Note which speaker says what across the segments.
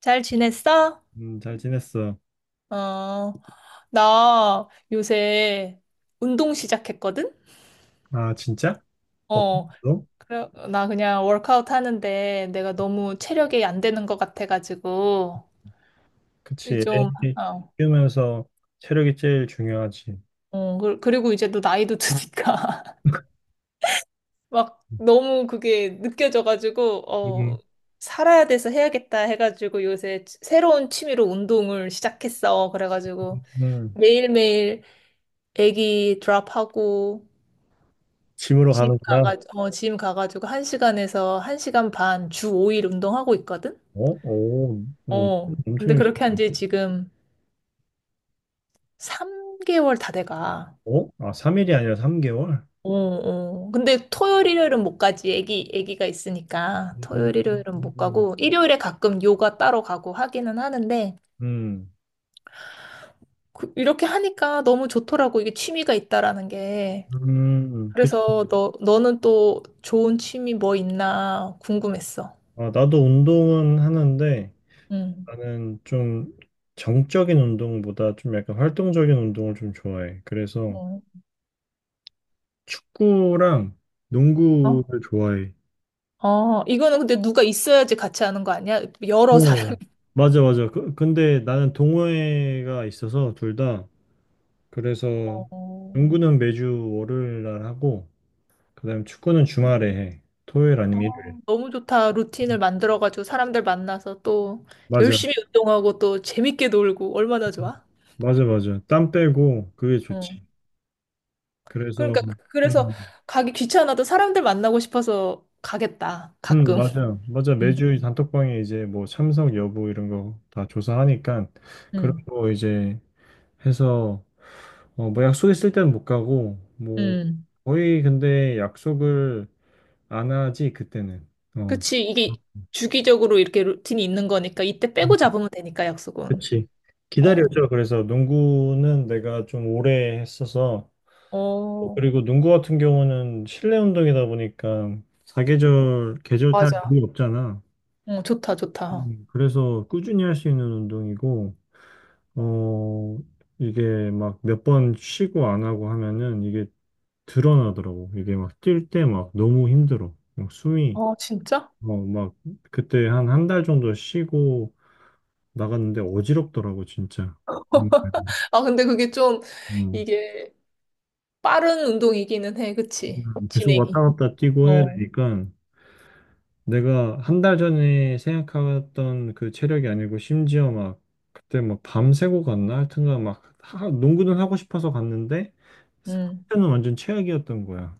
Speaker 1: 잘 지냈어?
Speaker 2: 잘 지냈어.
Speaker 1: 어, 나 요새 운동 시작했거든?
Speaker 2: 아, 진짜? 어떤
Speaker 1: 어,
Speaker 2: 거?
Speaker 1: 그래, 나 그냥 워크아웃 하는데 내가 너무 체력이 안 되는 것 같아가지고,
Speaker 2: 그치.
Speaker 1: 좀,
Speaker 2: 애
Speaker 1: 어,
Speaker 2: 키우면서 체력이 제일 중요하지.
Speaker 1: 어, 그리고 이제 또 나이도 드니까, 막 너무 그게 느껴져가지고, 어,
Speaker 2: 음,
Speaker 1: 살아야 돼서 해야겠다 해가지고 요새 새로운 취미로 운동을 시작했어. 그래가지고
Speaker 2: 음.
Speaker 1: 매일매일 애기 드랍하고,
Speaker 2: 짐으로
Speaker 1: 짐
Speaker 2: 가는구나.
Speaker 1: 가가지고, 어, 짐 가가지고 1시간에서 1시간 반 주 5일 운동하고 있거든?
Speaker 2: 어? 오, 어,
Speaker 1: 어.
Speaker 2: 엄청
Speaker 1: 근데
Speaker 2: 열심히
Speaker 1: 그렇게 한지
Speaker 2: 가네.
Speaker 1: 지금 3개월 다 돼가.
Speaker 2: 어? 아, 3일이 아니라 3개월?
Speaker 1: 어, 어. 근데 토요일, 일요일은 못 가지. 애기가 있으니까.
Speaker 2: 음,
Speaker 1: 토요일, 일요일은 못
Speaker 2: 음,
Speaker 1: 가고, 일요일에 가끔 요가 따로 가고 하기는 하는데,
Speaker 2: 음,
Speaker 1: 이렇게 하니까 너무 좋더라고. 이게 취미가 있다라는 게.
Speaker 2: 그치.
Speaker 1: 그래서 너는 또 좋은 취미 뭐 있나 궁금했어.
Speaker 2: 아, 나도 운동은 하는데,
Speaker 1: 응.
Speaker 2: 나는 좀 정적인 운동보다 좀 약간 활동적인 운동을 좀 좋아해. 그래서
Speaker 1: 응.
Speaker 2: 축구랑
Speaker 1: 어?
Speaker 2: 농구를 좋아해.
Speaker 1: 어, 이거는 근데 누가 있어야지 같이 하는 거 아니야? 여러 사람이.
Speaker 2: 어, 맞아, 맞아. 근데 나는 동호회가 있어서 둘 다. 그래서
Speaker 1: 어,
Speaker 2: 농구는 매주 월요일 날 하고, 그다음 축구는 주말에 해. 토요일 아니면 일요일.
Speaker 1: 어, 너무 좋다. 루틴을 만들어가지고 사람들 만나서 또
Speaker 2: 맞아,
Speaker 1: 열심히 운동하고 또 재밌게 놀고 얼마나 좋아?
Speaker 2: 맞아, 맞아. 땀 빼고 그게
Speaker 1: 응.
Speaker 2: 좋지. 그래서,
Speaker 1: 그러니까 그래서
Speaker 2: 음,
Speaker 1: 가기 귀찮아도 사람들 만나고 싶어서 가겠다. 가끔.
Speaker 2: 맞아, 맞아.
Speaker 1: 응.
Speaker 2: 매주 단톡방에 이제 뭐 참석 여부 이런 거 다 조사하니까 그런
Speaker 1: 응.
Speaker 2: 거 이제 해서 어, 뭐 약속 있을 때는 못 가고, 뭐
Speaker 1: 응.
Speaker 2: 거의 근데 약속을 안 하지, 그때는. 어.
Speaker 1: 그치. 이게 주기적으로 이렇게 루틴이 있는 거니까 이때
Speaker 2: 음,
Speaker 1: 빼고 잡으면 되니까 약속은.
Speaker 2: 그치.
Speaker 1: 어.
Speaker 2: 기다려줘. 그래서 농구는 내가 좀 오래 했어서
Speaker 1: 어.
Speaker 2: 그리고 농구 같은 경우는 실내 운동이다 보니까 사계절 계절 탈
Speaker 1: 맞아.
Speaker 2: 일이 없잖아.
Speaker 1: 어, 좋다, 좋다.
Speaker 2: 그래서 꾸준히 할 수 있는 운동이고 어 이게 막 몇 번 쉬고 안 하고 하면은 이게 드러나더라고. 이게 막 뛸 때 막 너무 힘들어. 막 숨이
Speaker 1: 어, 진짜?
Speaker 2: 어 막 그때 한 한 달 정도 쉬고 나갔는데 어지럽더라고, 진짜. 음,
Speaker 1: 아, 근데 그게 좀,
Speaker 2: 음.
Speaker 1: 이게 빠른 운동이기는 해, 그치?
Speaker 2: 계속 왔다
Speaker 1: 진행이.
Speaker 2: 갔다 뛰고 해야
Speaker 1: 어.
Speaker 2: 되니까 내가 한 달 전에 생각했던 그 체력이 아니고 심지어 막 그때 막 밤새고 갔나? 하여튼간 막 농구는 하고 싶어서 갔는데
Speaker 1: 음.
Speaker 2: 상태는 완전 최악이었던 거야.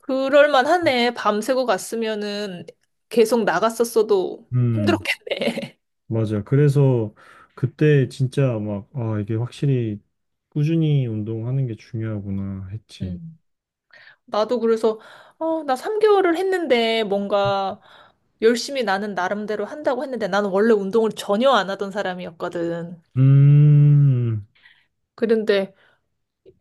Speaker 1: 그럴만 하네. 밤새고 갔으면은 계속 나갔었어도
Speaker 2: 음,
Speaker 1: 힘들었겠네.
Speaker 2: 맞아. 그래서 그때 진짜 막, 아, 이게 확실히 꾸준히 운동하는 게 중요하구나 했지.
Speaker 1: 음. 나도 그래서, 어, 나 3개월을 했는데 뭔가 열심히 나는 나름대로 한다고 했는데 나는 원래 운동을 전혀 안 하던 사람이었거든.
Speaker 2: 음,
Speaker 1: 그런데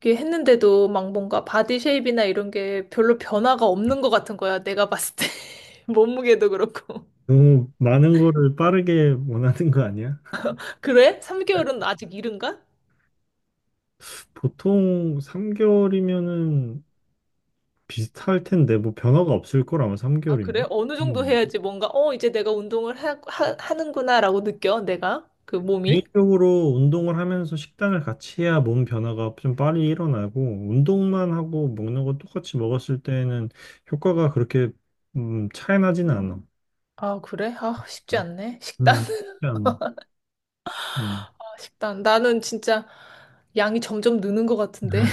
Speaker 1: 그게 했는데도 막 뭔가 바디 쉐입이나 이런 게 별로 변화가 없는 것 같은 거야. 내가 봤을 때. 몸무게도 그렇고.
Speaker 2: 너무 많은 거를 빠르게 원하는 거 아니야?
Speaker 1: 그래? 3개월은 아직 이른가?
Speaker 2: 보통 3개월이면은 비슷할 텐데 뭐 변화가 없을 거라면
Speaker 1: 아, 그래?
Speaker 2: 3개월이면.
Speaker 1: 어느 정도
Speaker 2: 음.
Speaker 1: 해야지 뭔가, 어, 이제 내가 운동을 하는구나라고 느껴, 내가. 그 몸이.
Speaker 2: 개인적으로 운동을 하면서 식단을 같이 해야 몸 변화가 좀 빨리 일어나고 운동만 하고 먹는 거 똑같이 먹었을 때는 효과가 그렇게 차이 나지는 않아.
Speaker 1: 아, 그래? 아, 쉽지
Speaker 2: 음,
Speaker 1: 않네. 식단,
Speaker 2: 그렇지 않아. 음.
Speaker 1: 아, 식단. 나는 진짜 양이 점점 느는 것 같은데.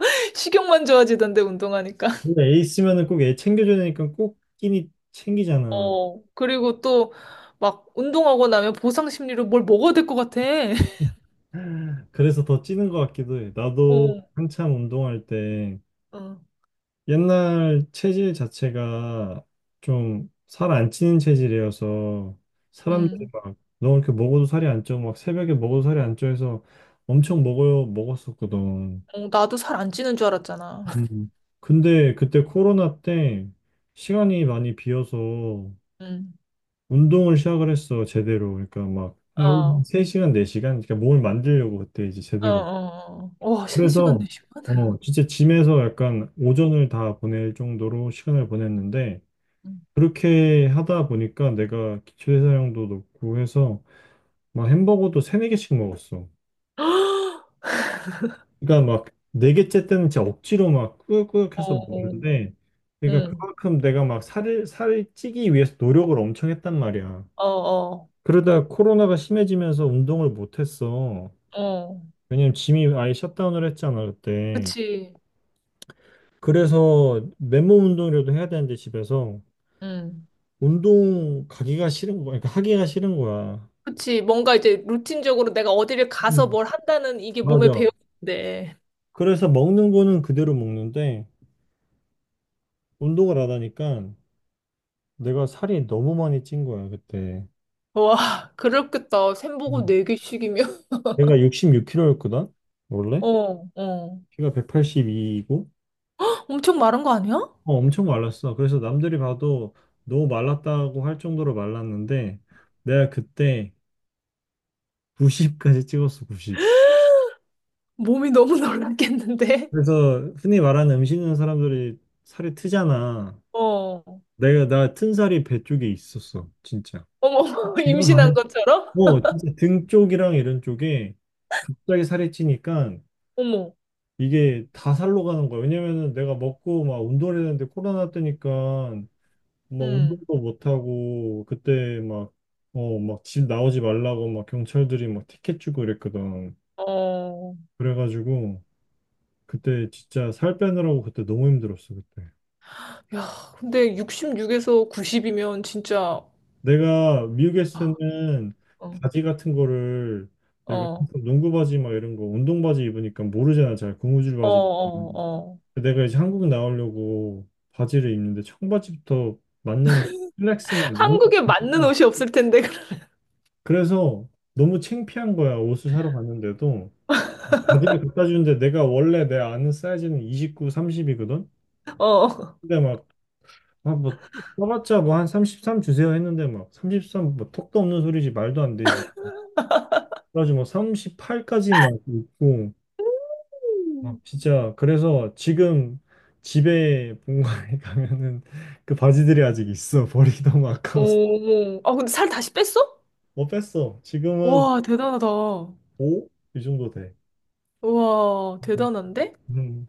Speaker 1: 식욕만 좋아지던데, 운동하니까.
Speaker 2: 근데 애 있으면은 꼭 애 챙겨줘야 되니까 꼭 끼니 챙기잖아.
Speaker 1: 어, 그리고 또 막 운동하고 나면 보상 심리로 뭘 먹어야 될 것 같아.
Speaker 2: 그래서 더 찌는 것 같기도 해. 나도
Speaker 1: 어,
Speaker 2: 한참 운동할 때
Speaker 1: 어,
Speaker 2: 옛날 체질 자체가 좀 살 안 찌는 체질이어서 사람들이
Speaker 1: 음.
Speaker 2: 막 너 이렇게 먹어도 살이 안 쪄. 막 새벽에 먹어도 살이 안 쪄 해서 엄청 먹어요. 먹었었거든.
Speaker 1: 어, 나도 살 안 찌는 줄 알았잖아.
Speaker 2: 음. 근데 그때 코로나 때 시간이 많이 비어서
Speaker 1: 음.
Speaker 2: 운동을 시작을 했어. 제대로. 그러니까 막 하루
Speaker 1: 어,
Speaker 2: 3시간, 4시간 그러니까 몸을 만들려고 그때 이제
Speaker 1: 어,
Speaker 2: 제대로.
Speaker 1: 어, 어. 와, 3시간,
Speaker 2: 그래서
Speaker 1: 내시간
Speaker 2: 어 진짜 짐에서 약간 오전을 다 보낼 정도로 시간을 보냈는데 그렇게 하다 보니까 내가 기초 대사량도 높고 해서 막 햄버거도 세네 개씩 먹었어. 그러니까 막 네 개째 때는 진짜 억지로 막 꾸역꾸역해서
Speaker 1: 어,
Speaker 2: 먹는데 그러니까
Speaker 1: 응,
Speaker 2: 그만큼 내가 막 살을 찌기 위해서 노력을 엄청 했단 말이야.
Speaker 1: 어, 어,
Speaker 2: 그러다 코로나가 심해지면서 운동을 못 했어.
Speaker 1: 어,
Speaker 2: 왜냐면 짐이 아예 셧다운을 했잖아, 그때.
Speaker 1: 그치,
Speaker 2: 그래서 맨몸 운동이라도 해야 되는데 집에서
Speaker 1: 응,
Speaker 2: 운동 가기가 싫은 거야. 그러니까 하기가 싫은 거야.
Speaker 1: 그치. 뭔가 이제 루틴적으로 내가 어디를 가서
Speaker 2: 음.
Speaker 1: 뭘 한다는 이게 몸에
Speaker 2: 맞아.
Speaker 1: 배어있는데.
Speaker 2: 그래서 먹는 거는 그대로 먹는데 운동을 안 하니까 내가 살이 너무 많이 찐 거야, 그때.
Speaker 1: 와, 그렇겠다. 샘보고
Speaker 2: 음.
Speaker 1: 네개씩이면
Speaker 2: 내가 66kg였거든, 원래?
Speaker 1: 어, 어,
Speaker 2: 키가 182이고
Speaker 1: 엄청 마른 거 아니야?
Speaker 2: 엄청 말랐어. 그래서 남들이 봐도 너무 말랐다고 할 정도로 말랐는데 내가 그때 90까지 찍었어, 90.
Speaker 1: 몸이 너무 놀랐겠는데?
Speaker 2: 그래서 흔히 말하는 음식 있는 사람들이 살이 트잖아.
Speaker 1: 어,
Speaker 2: 내가 나 튼 살이 배 쪽에 있었어, 진짜.
Speaker 1: 어머,
Speaker 2: 이거
Speaker 1: 임신한
Speaker 2: 많이.
Speaker 1: 것처럼?
Speaker 2: 어, 진짜 등 쪽이랑 이런 쪽에 갑자기 살이 찌니까
Speaker 1: 어머,
Speaker 2: 이게 다 살로 가는 거야. 왜냐면은 내가 먹고 막 운동을 했는데 코로나 뜨니까 막
Speaker 1: 응,
Speaker 2: 운동도 못 하고 그때 막 어, 막 집 나오지 말라고 막 경찰들이 막 티켓 주고 이랬거든.
Speaker 1: 어,
Speaker 2: 그래가지고 그때 진짜 살 빼느라고 그때 너무 힘들었어, 그때.
Speaker 1: 야, 근데 66에서 90이면 진짜, 어,
Speaker 2: 내가 미국에 있을 때는 바지 같은 거를 내가
Speaker 1: 어,
Speaker 2: 항상 농구 바지 막 이런 거 운동 바지 입으니까 모르잖아 잘 고무줄
Speaker 1: 어,
Speaker 2: 바지 음.
Speaker 1: 어,
Speaker 2: 내가 이제 한국 나오려고 바지를 입는데 청바지부터 맞는 슬랙스나 맞는
Speaker 1: 한국에 맞는
Speaker 2: 바지나.
Speaker 1: 옷이 없을 텐데.
Speaker 2: 그래서 너무 창피한 거야 옷을 사러 갔는데도 막 바지를 갖다 주는데 내가 원래 내 아는 사이즈는 29, 30이거든
Speaker 1: 어.
Speaker 2: 근데 막 아, 뭐, 써봤자 뭐 한 33 주세요 했는데 막 33, 뭐 턱도 없는 소리지 말도 안 되지 가지고 뭐 38까지만 있고,
Speaker 1: 음.
Speaker 2: 막 진짜, 그래서 지금 집에 본가에 가면은 그 바지들이 아직 있어. 버리기 너무 아까워서.
Speaker 1: 오. 아, 근데 살 다시 뺐어?
Speaker 2: 뭐 뺐어. 지금은
Speaker 1: 와, 대단하다.
Speaker 2: 오? 이 정도 돼.
Speaker 1: 와, 대단한데?
Speaker 2: 음,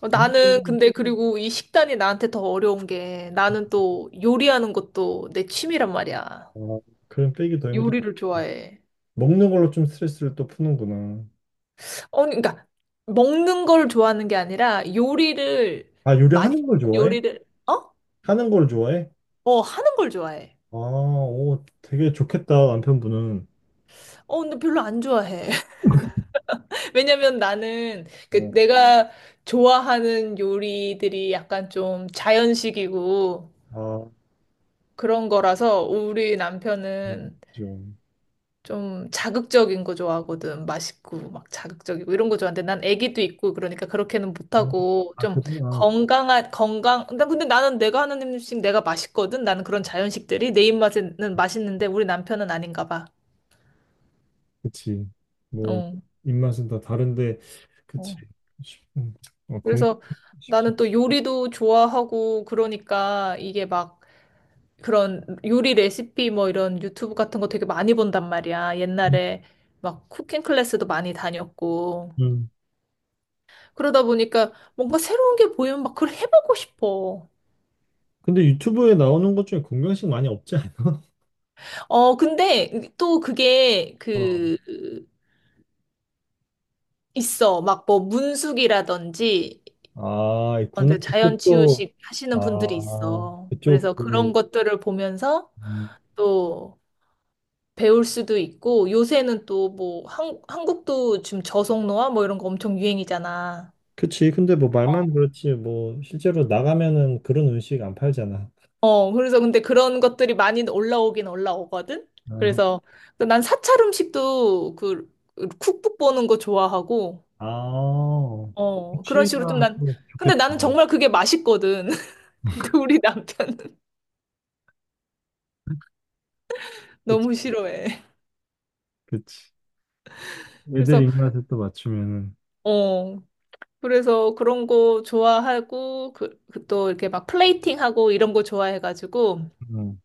Speaker 1: 어, 나는
Speaker 2: 운동,
Speaker 1: 근데 그리고 이 식단이 나한테 더 어려운 게 나는 또 요리하는 것도 내 취미란 말이야.
Speaker 2: 아, 그럼 빼기 더 힘들어.
Speaker 1: 요리를 좋아해.
Speaker 2: 먹는 걸로 좀 스트레스를 또 푸는구나.
Speaker 1: 어, 그러니까 먹는 걸 좋아하는 게 아니라 요리를
Speaker 2: 아, 요리하는
Speaker 1: 맛있는
Speaker 2: 걸 좋아해?
Speaker 1: 요리를 어?
Speaker 2: 하는 걸 좋아해?
Speaker 1: 어, 하는 걸 좋아해.
Speaker 2: 아, 오, 되게 좋겠다, 남편분은.
Speaker 1: 어, 근데 별로 안 좋아해. 왜냐면 나는 그
Speaker 2: 아,
Speaker 1: 내가 좋아하는 요리들이 약간 좀 자연식이고
Speaker 2: 아,
Speaker 1: 그런 거라서 우리 남편은
Speaker 2: 그죠.
Speaker 1: 좀 자극적인 거 좋아하거든. 맛있고 막 자극적이고 이런 거 좋아하는데 난 애기도 있고 그러니까 그렇게는
Speaker 2: 아,
Speaker 1: 못하고
Speaker 2: 아,
Speaker 1: 좀
Speaker 2: 그구나.
Speaker 1: 건강한 건강 난 근데 나는 내가 하는 음식 내가 맛있거든. 나는 그런 자연식들이 내 입맛에는 맛있는데 우리 남편은 아닌가 봐.
Speaker 2: 그치. 뭐,
Speaker 1: 어.
Speaker 2: 입맛은 다 다른데, 그치.
Speaker 1: 어.
Speaker 2: 쉽- 음, 어,
Speaker 1: 그래서
Speaker 2: 쉽지.
Speaker 1: 나는 또 요리도 좋아하고 그러니까 이게 막 그런 요리 레시피 뭐 이런 유튜브 같은 거 되게 많이 본단 말이야.
Speaker 2: 않나?
Speaker 1: 옛날에 막 쿠킹 클래스도 많이 다녔고.
Speaker 2: 음.
Speaker 1: 그러다 보니까 뭔가 새로운 게 보이면 막 그걸 해보고 싶어.
Speaker 2: 근데 유튜브에 나오는 것 중에 건강식 많이 없지 않아?
Speaker 1: 어, 근데 또 그게
Speaker 2: 어.
Speaker 1: 그, 있어. 막 뭐 문숙이라든지
Speaker 2: 아, 있구나.
Speaker 1: 언제 자연
Speaker 2: 그것도,
Speaker 1: 치유식 하시는 분들이
Speaker 2: 아,
Speaker 1: 있어.
Speaker 2: 그쪽,
Speaker 1: 그래서
Speaker 2: 그,
Speaker 1: 그런 것들을 보면서
Speaker 2: 음.
Speaker 1: 또 배울 수도 있고 요새는 또 뭐 한국도 지금 저속노화 뭐 이런 거 엄청 유행이잖아.
Speaker 2: 그치. 근데 뭐
Speaker 1: 어,
Speaker 2: 말만 그렇지, 뭐, 실제로 나가면은 그런 음식 안 팔잖아.
Speaker 1: 어, 그래서 근데 그런 것들이 많이 올라오긴 올라오거든?
Speaker 2: 어.
Speaker 1: 그래서 그 난 사찰 음식도 그 쿡북 보는 거 좋아하고,
Speaker 2: 아,
Speaker 1: 어, 그런 식으로 좀
Speaker 2: 취미가
Speaker 1: 난,
Speaker 2: 또
Speaker 1: 근데
Speaker 2: 좋겠다.
Speaker 1: 나는 정말 그게 맛있거든. 근데 우리 남편은
Speaker 2: 그치,
Speaker 1: 너무 싫어해.
Speaker 2: 그치. 애들
Speaker 1: 그래서,
Speaker 2: 입맛에 또 맞추면은.
Speaker 1: 어, 그래서 그런 거 좋아하고, 그, 그또 이렇게 막 플레이팅하고 이런 거 좋아해가지고,
Speaker 2: 음.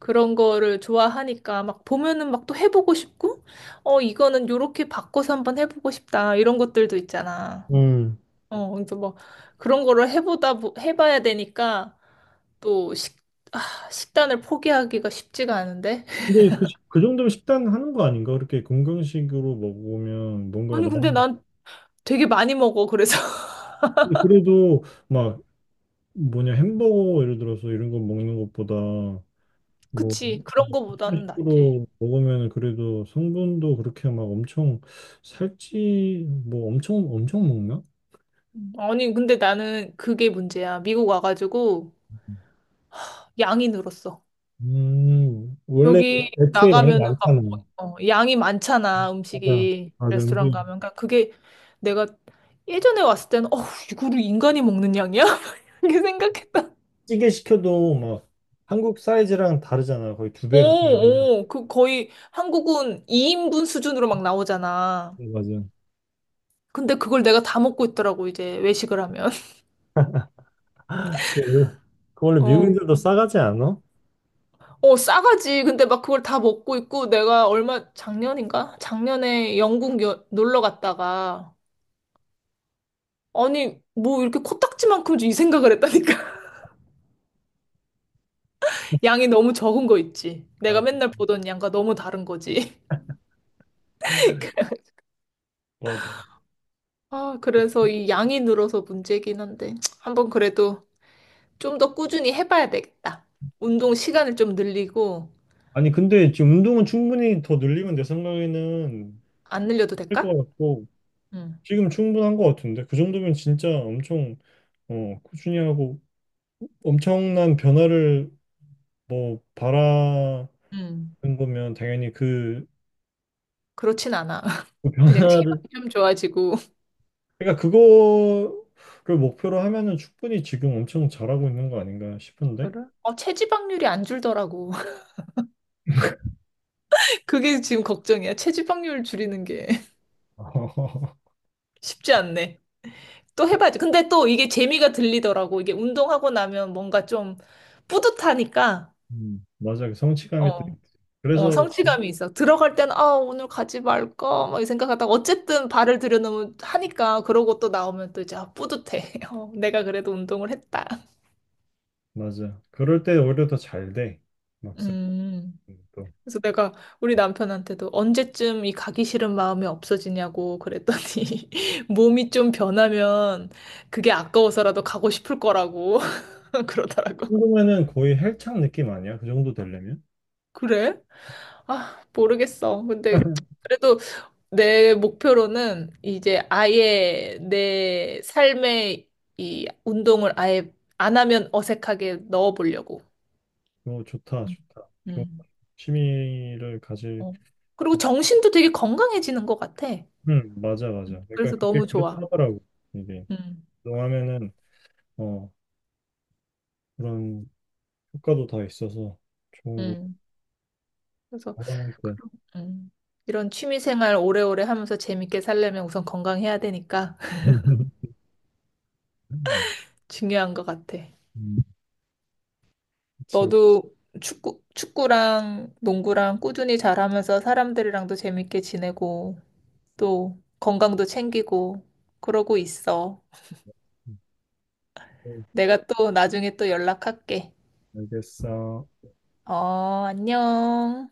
Speaker 1: 그런 거를 좋아하니까 막 보면은 막 또 해보고 싶고, 어, 이거는 요렇게 바꿔서 한번 해보고 싶다. 이런 것들도 있잖아.
Speaker 2: 음.
Speaker 1: 어, 그래서 뭐 그런 거를 해보다 보- 해봐야 되니까 또 아, 식단을 포기하기가 쉽지가 않은데.
Speaker 2: 근데 그, 그 정도면 식단 하는 거 아닌가? 그렇게 건강식으로 먹으면 뭔가
Speaker 1: 아니, 근데
Speaker 2: 나는
Speaker 1: 난 되게 많이 먹어. 그래서
Speaker 2: 근데 그래도 막 뭐냐 햄버거 예를 들어서 이런 거 먹는 것보다 뭐 그런
Speaker 1: 그치. 그런 거보다는 낫지.
Speaker 2: 식으로 먹으면 그래도 성분도 그렇게 막 엄청 살찌 뭐 엄청 엄청 먹나?
Speaker 1: 아니, 근데 나는 그게 문제야. 미국 와가지고 양이 늘었어.
Speaker 2: 원래
Speaker 1: 여기
Speaker 2: 애초에 양이
Speaker 1: 나가면은
Speaker 2: 많잖아.
Speaker 1: 막 뭐, 어, 양이 많잖아,
Speaker 2: 맞아
Speaker 1: 음식이.
Speaker 2: 맞아
Speaker 1: 레스토랑
Speaker 2: 음식
Speaker 1: 가면. 그러니까 그게 내가 예전에 왔을 때는 어, 이거를 인간이 먹는 양이야? 이렇게 생각했다.
Speaker 2: 찌개 시켜도 막 한국 사이즈랑 다르잖아 거의 두 배 가까이 되잖아.
Speaker 1: 오, 오, 그 거의 한국은 2인분 수준으로 막 나오잖아.
Speaker 2: 맞아.
Speaker 1: 근데 그걸 내가 다 먹고 있더라고, 이제 외식을 하면.
Speaker 2: 그 원래 그 원래
Speaker 1: 어,
Speaker 2: 미국인들도 싸가지 않아?
Speaker 1: 어, 싸가지. 근데 막 그걸 다 먹고 있고 내가 얼마, 작년인가? 작년에 영국 놀러 갔다가 아니, 뭐 이렇게 코딱지만큼 이 생각을 했다니까. 양이 너무 적은 거 있지. 내가
Speaker 2: 아,
Speaker 1: 맨날 보던 양과 너무 다른 거지.
Speaker 2: 맞아.
Speaker 1: 아, 그래서 이 양이 늘어서 문제긴 한데 한 번 그래도 좀 더 꾸준히 해봐야 되겠다. 운동 시간을 좀 늘리고,
Speaker 2: 아니, 근데 지금 운동은 충분히 더 늘리면 내 생각에는
Speaker 1: 안 늘려도
Speaker 2: 할
Speaker 1: 될까?
Speaker 2: 것 같고,
Speaker 1: 응.
Speaker 2: 지금 충분한 것 같은데, 그 정도면 진짜 엄청, 어, 꾸준히 하고, 엄청난 변화를 뭐, 바라는
Speaker 1: 음.
Speaker 2: 거면 당연히 그,
Speaker 1: 그렇진 않아. 그냥
Speaker 2: 변화를,
Speaker 1: 체력이 좀 좋아지고.
Speaker 2: 그러니까 그거를 목표로 하면은 충분히 지금 엄청 잘하고 있는 거 아닌가 싶은데?
Speaker 1: 그래? 어, 체지방률이 안 줄더라고. 그게 지금 걱정이야. 체지방률 줄이는 게 쉽지 않네. 또 해봐야지. 근데 또 이게 재미가 들리더라고. 이게 운동하고 나면 뭔가 좀 뿌듯하니까.
Speaker 2: 맞아, 그 성취감이 또
Speaker 1: 어.
Speaker 2: 있지.
Speaker 1: 어,
Speaker 2: 그래서 뭐
Speaker 1: 성취감이 있어. 들어갈 땐, 아, 오늘 가지 말까? 막이 생각하다가, 어쨌든 발을 들여놓으면 하니까, 그러고 또 나오면 또 이제, 아, 뿌듯해. 어, 내가 그래도 운동을 했다.
Speaker 2: 맞아. 그럴 때 오히려 더 잘 돼. 막상
Speaker 1: 음.
Speaker 2: 또
Speaker 1: 그래서 내가 우리 남편한테도 언제쯤 이 가기 싫은 마음이 없어지냐고 그랬더니, 몸이 좀 변하면 그게 아까워서라도 가고 싶을 거라고 그러더라고.
Speaker 2: 궁금해는 거의 헬창 느낌 아니야? 그 정도 되려면?
Speaker 1: 그래? 아, 모르겠어. 근데, 그래도 내 목표로는 이제 아예 내 삶에 이 운동을 아예 안 하면 어색하게 넣어보려고.
Speaker 2: 오, 좋다, 좋다. 좋은
Speaker 1: 음.
Speaker 2: 취미를 가질.
Speaker 1: 어. 그리고 정신도 되게 건강해지는 것 같아.
Speaker 2: 맞아, 맞아. 그러니까
Speaker 1: 그래서
Speaker 2: 그게
Speaker 1: 너무 좋아.
Speaker 2: 그렇더라고. 하 이게
Speaker 1: 음.
Speaker 2: 운동하면은 어 그런 효과도 다 있어서 좋은 거.
Speaker 1: 음. 그래서
Speaker 2: 건강할 때.
Speaker 1: 음. 이런 취미 생활 오래오래 하면서 재밌게 살려면 우선 건강해야 되니까 중요한 것 같아.
Speaker 2: 음, 그치.
Speaker 1: 너도 축구랑 농구랑 꾸준히 잘하면서 사람들이랑도 재밌게 지내고 또 건강도 챙기고 그러고 있어.
Speaker 2: 음,
Speaker 1: 내가 또 나중에 또 연락할게.
Speaker 2: 알겠어.
Speaker 1: 어, 안녕.